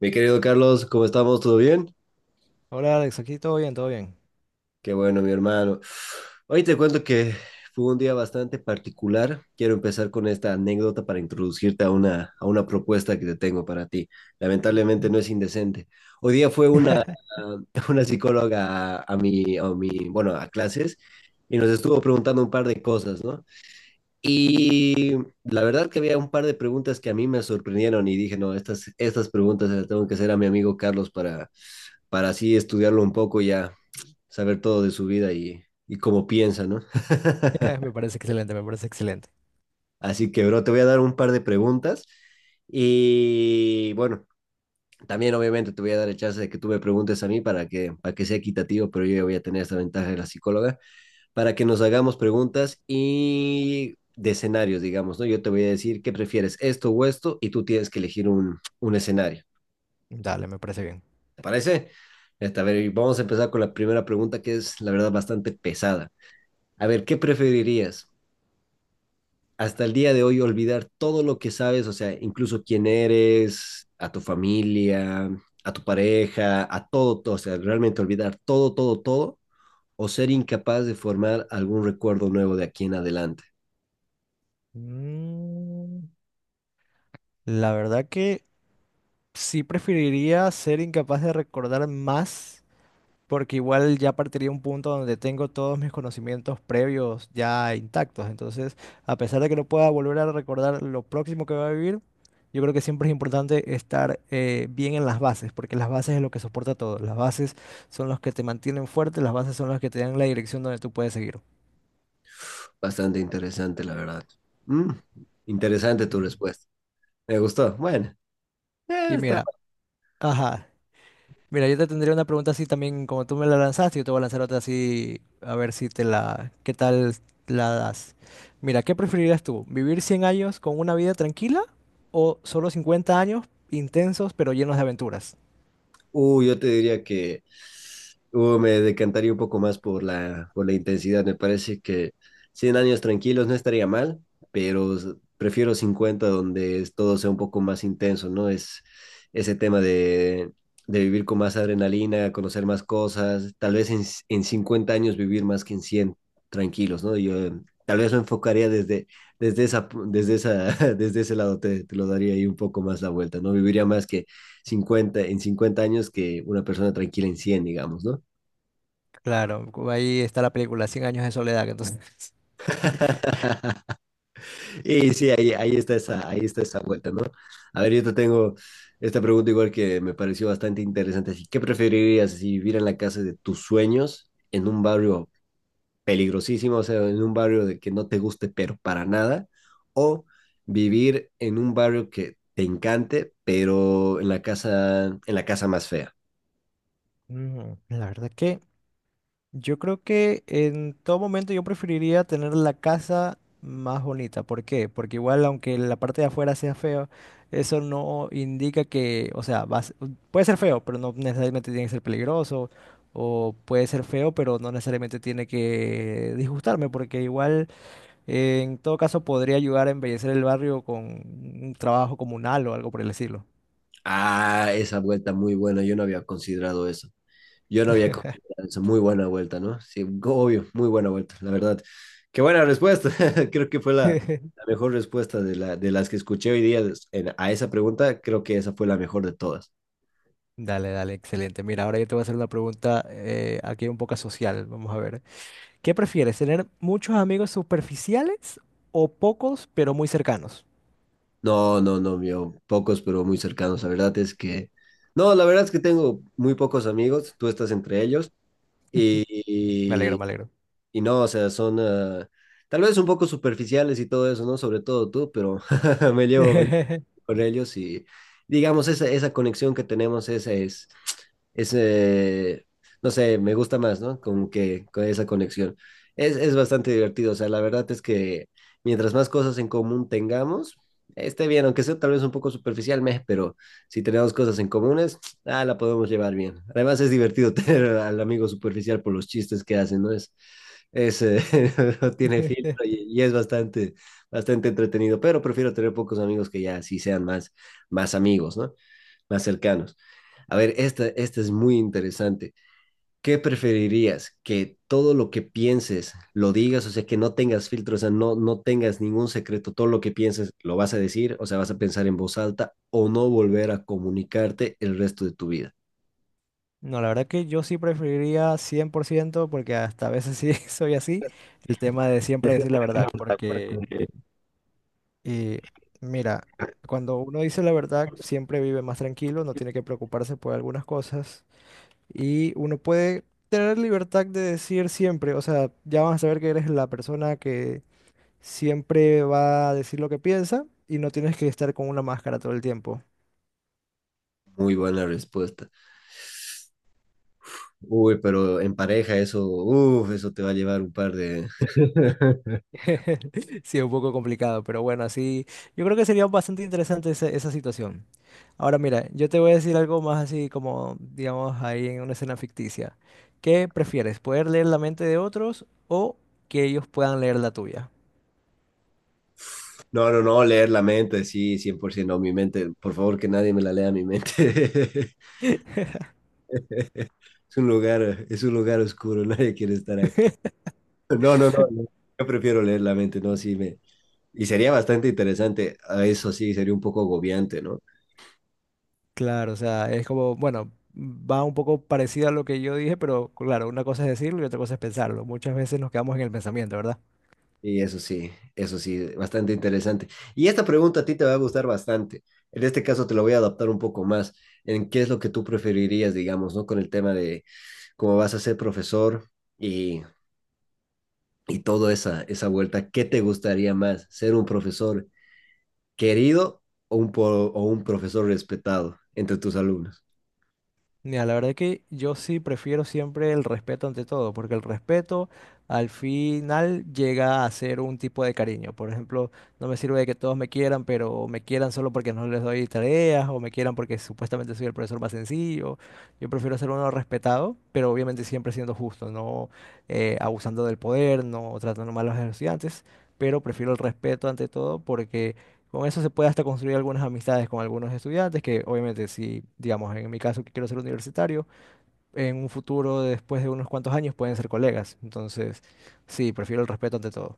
Mi querido Carlos, ¿cómo estamos? ¿Todo bien? Hola Alex, aquí todo bien, todo bien. Qué bueno, mi hermano. Hoy te cuento que fue un día bastante particular. Quiero empezar con esta anécdota para introducirte a una propuesta que te tengo para ti. Lamentablemente no es indecente. Hoy día fue una, una psicóloga a mi, bueno, a clases y nos estuvo preguntando un par de cosas, ¿no? Y la verdad que había un par de preguntas que a mí me sorprendieron y dije, no, estas preguntas se las tengo que hacer a mi amigo Carlos para así estudiarlo un poco y ya saber todo de su vida y cómo piensa, ¿no? Me parece excelente, me parece excelente. Así que, bro, te voy a dar un par de preguntas y bueno, también obviamente te voy a dar el chance de que tú me preguntes a mí para que sea equitativo, pero yo ya voy a tener esta ventaja de la psicóloga, para que nos hagamos preguntas y de escenarios, digamos, ¿no? Yo te voy a decir qué prefieres, esto o esto, y tú tienes que elegir un escenario. Dale, me parece bien. ¿Te parece? A ver, vamos a empezar con la primera pregunta que es, la verdad, bastante pesada. A ver, ¿qué preferirías? Hasta el día de hoy olvidar todo lo que sabes, o sea, incluso quién eres, a tu familia, a tu pareja, a todo, todo, o sea, realmente olvidar todo, todo, todo, o ser incapaz de formar algún recuerdo nuevo de aquí en adelante. Mm, la verdad que sí preferiría ser incapaz de recordar más. Porque igual ya partiría un punto donde tengo todos mis conocimientos previos ya intactos. Entonces, a pesar de que no pueda volver a recordar lo próximo que va a vivir, yo creo que siempre es importante estar bien en las bases, porque las bases es lo que soporta todo. Las bases son los que te mantienen fuerte, las bases son las que te dan la dirección donde tú puedes seguir. Bastante interesante, la verdad. Mm, interesante tu Ujú. respuesta. Me gustó. Bueno, Y está. mira, ajá, mira, yo te tendría una pregunta así también, como tú me la lanzaste, yo te voy a lanzar otra así, a ver si te la, qué tal la das. Mira, ¿qué preferirías tú? ¿Vivir 100 años con una vida tranquila o solo 50 años intensos pero llenos de aventuras? Yo te diría que me decantaría un poco más por la intensidad. Me parece que 100 años tranquilos no estaría mal, pero prefiero 50 donde todo sea un poco más intenso, ¿no? Es ese tema de vivir con más adrenalina, conocer más cosas, tal vez en 50 años vivir más que en 100 tranquilos, ¿no? Yo tal vez lo enfocaría desde, desde esa, pu- desde esa, desde ese lado, te lo daría ahí un poco más la vuelta, ¿no? Viviría más que 50 en 50 años que una persona tranquila en cien, digamos, ¿no? Claro, ahí está la película, 100 años de soledad, entonces. Y sí, ahí está esa vuelta, ¿no? A ver, yo te tengo esta pregunta igual que me pareció bastante interesante. Así, ¿qué preferirías? Si vivir en la casa de tus sueños en un barrio peligrosísimo, o sea, en un barrio de que no te guste, pero para nada, o vivir en un barrio que te encante, pero en la casa, más fea? Mm, la verdad que yo creo que en todo momento yo preferiría tener la casa más bonita. ¿Por qué? Porque igual aunque la parte de afuera sea feo, eso no indica que, o sea, puede ser feo, pero no necesariamente tiene que ser peligroso. O puede ser feo, pero no necesariamente tiene que disgustarme, porque igual en todo caso podría ayudar a embellecer el barrio con un trabajo comunal o algo por el estilo. Ah, esa vuelta muy buena, yo no había considerado eso. Yo no había considerado eso. Muy buena vuelta, ¿no? Sí, obvio, muy buena vuelta, la verdad. Qué buena respuesta. Creo que fue la mejor respuesta de las que escuché hoy día a esa pregunta. Creo que esa fue la mejor de todas. Dale, dale, excelente. Mira, ahora yo te voy a hacer una pregunta aquí un poco social. Vamos a ver. ¿Qué prefieres, tener muchos amigos superficiales o pocos pero muy cercanos? No, no, no, mío. Pocos, pero muy cercanos. La verdad es que… No, la verdad es que tengo muy pocos amigos. Tú estás entre ellos. Y, Me alegro, y, me alegro. y no, o sea, son, tal vez un poco superficiales y todo eso, ¿no? Sobre todo tú, pero me llevo, me con ellos y digamos, esa conexión que tenemos, esa es, no sé, me gusta más, ¿no? Como que con esa conexión. Es bastante divertido, o sea, la verdad es que mientras más cosas en común tengamos, esté bien, aunque sea tal vez un poco superficial, meh, pero si tenemos cosas en comunes, la podemos llevar bien. Además es divertido tener al amigo superficial por los chistes que hacen, ¿no? Ese no tiene filtro y es bastante entretenido, pero prefiero tener pocos amigos que ya sí sean más, más amigos, ¿no? Más cercanos. A ver, esta es muy interesante. ¿Qué preferirías? ¿Que todo lo que pienses lo digas? O sea, que no tengas filtro, o sea, no, no tengas ningún secreto. Todo lo que pienses lo vas a decir, o sea, vas a pensar en voz alta o no volver a comunicarte el resto de tu vida. No, la verdad que yo sí preferiría 100% porque hasta a veces sí soy así, el tema de siempre decir la verdad, porque eh, mira, cuando uno dice la verdad siempre vive más tranquilo, no tiene que preocuparse por algunas cosas y uno puede tener libertad de decir siempre, o sea, ya van a saber que eres la persona que siempre va a decir lo que piensa y no tienes que estar con una máscara todo el tiempo. Muy buena respuesta. Uy, pero en pareja eso, uff, eso te va a llevar un par de… Sí, es un poco complicado, pero bueno, así yo creo que sería bastante interesante esa situación. Ahora mira, yo te voy a decir algo más así como, digamos, ahí en una escena ficticia. ¿Qué prefieres? ¿Poder leer la mente de otros o que ellos puedan leer la tuya? No, no, no, leer la mente, sí, 100%, no, mi mente, por favor que nadie me la lea mi mente. Es un lugar oscuro, nadie quiere estar ahí. No, no, no, no, yo prefiero leer la mente, no, sí, me… Y sería bastante interesante, a eso sí, sería un poco agobiante, ¿no? Claro, o sea, es como, bueno, va un poco parecido a lo que yo dije, pero claro, una cosa es decirlo y otra cosa es pensarlo. Muchas veces nos quedamos en el pensamiento, ¿verdad? Y eso sí, bastante interesante. Y esta pregunta a ti te va a gustar bastante. En este caso te lo voy a adaptar un poco más en qué es lo que tú preferirías, digamos, ¿no? Con el tema de cómo vas a ser profesor y, y toda esa vuelta. ¿Qué te gustaría más? ¿Ser un profesor querido o un profesor respetado entre tus alumnos? Mira, la verdad que yo sí prefiero siempre el respeto ante todo, porque el respeto al final llega a ser un tipo de cariño. Por ejemplo, no me sirve de que todos me quieran, pero me quieran solo porque no les doy tareas o me quieran porque supuestamente soy el profesor más sencillo. Yo prefiero ser uno respetado, pero obviamente siempre siendo justo, no abusando del poder, no tratando mal a los estudiantes, pero prefiero el respeto ante todo porque… con eso se puede hasta construir algunas amistades con algunos estudiantes, que obviamente si, digamos, en mi caso que quiero ser universitario, en un futuro, después de unos cuantos años, pueden ser colegas. Entonces, sí, prefiero el respeto ante todo.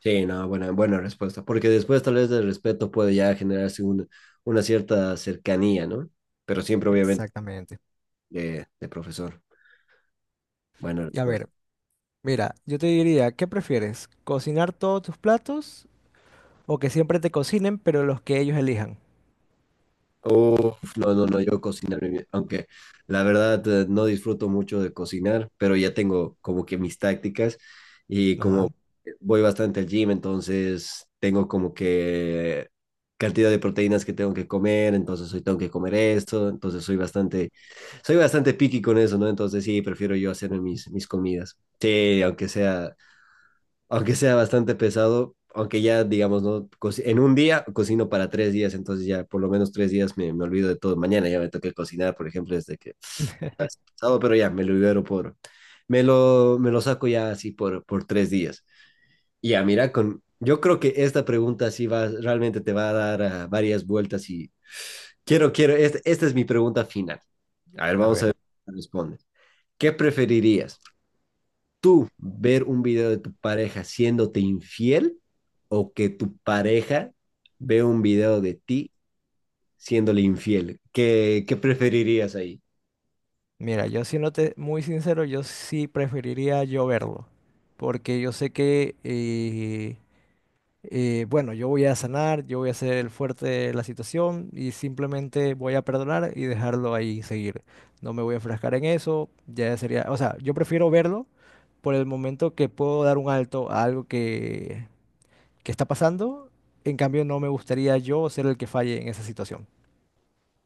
Sí, no, buena, buena respuesta. Porque después tal vez del respeto puede ya generarse una cierta cercanía, ¿no? Pero siempre obviamente Exactamente. de profesor. Buena Y a respuesta. ver, mira, yo te diría, ¿qué prefieres? ¿Cocinar todos tus platos o que siempre te cocinen, pero los que ellos elijan? Uf, no, no, no, yo cocinar, aunque la verdad no disfruto mucho de cocinar, pero ya tengo como que mis tácticas y Ajá. como voy bastante al gym, entonces tengo como que cantidad de proteínas que tengo que comer, entonces hoy tengo que comer esto, entonces soy bastante, picky con eso, ¿no? Entonces sí, prefiero yo hacerme mis comidas. Sí, aunque sea bastante pesado, aunque ya, digamos, ¿no? En un día cocino para tres días, entonces ya por lo menos tres días me olvido de todo. Mañana ya me toca cocinar, por ejemplo, desde que es pasado, pero ya me lo saco ya así por tres días. Y ya, mira, yo creo que esta pregunta sí va, realmente te va a dar varias vueltas y esta es mi pregunta final. A ver, A vamos a ver, ver qué responde. ¿Qué preferirías? Tú ver un video de tu pareja siéndote infiel o que tu pareja vea un video de ti siéndole infiel. ¿Qué preferirías ahí? mira, yo siéndote muy sincero, yo sí preferiría yo verlo, porque yo sé que… bueno, yo voy a sanar, yo voy a ser el fuerte de la situación y simplemente voy a perdonar y dejarlo ahí seguir. No me voy a enfrascar en eso, ya sería, o sea, yo prefiero verlo por el momento que puedo dar un alto a algo que está pasando. En cambio, no me gustaría yo ser el que falle en esa situación.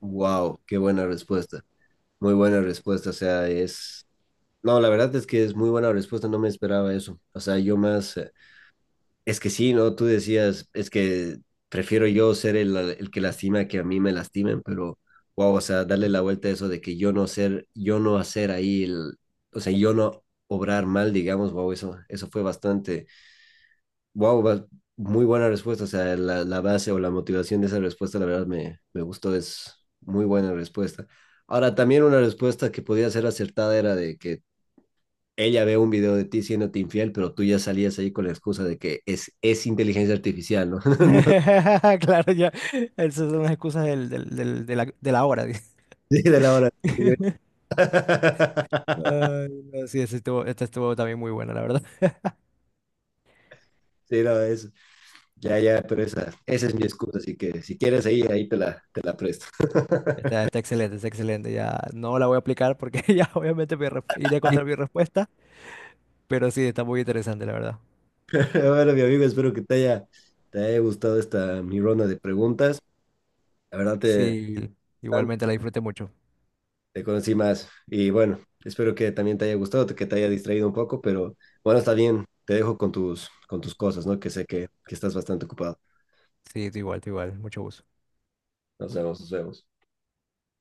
Wow, qué buena respuesta. Muy buena respuesta. O sea, es… No, la verdad es que es muy buena respuesta. No me esperaba eso. O sea, es que sí, ¿no? Tú decías, es que prefiero yo ser el que lastima que a mí me lastimen, pero wow, o sea, darle la vuelta a eso de que yo no ser, yo no hacer ahí el, o sea, yo no obrar mal, digamos, wow, eso fue wow, muy buena respuesta, o sea, la base o la motivación de esa respuesta, la verdad me gustó, es muy buena respuesta. Ahora, también una respuesta que podía ser acertada era de que ella ve un video de ti siéndote infiel, pero tú ya salías ahí con la excusa de que es inteligencia artificial, ¿no? Claro, ya. Esas son las excusas de la hora. No, sí, de la hora. Güey. Ay, no, sí, esta estuvo también muy buena, la verdad. Sí, no, ya, ya, pero esa es mi excusa, así que si quieres ahí, te la presto. Está, está excelente, está excelente. Ya no la voy a aplicar porque ya obviamente iré contra mi respuesta, pero sí, está muy interesante, la verdad. Bueno, mi amigo, espero que te haya gustado esta mi ronda de preguntas. La verdad te, Sí, igualmente la disfruté mucho. te conocí más y bueno, espero que también te haya gustado, que te haya distraído un poco, pero bueno, está bien, te dejo con tus cosas, ¿no? Que sé que estás bastante ocupado. Sí, tú igual, tú igual. Mucho gusto. Nos vemos, nos vemos.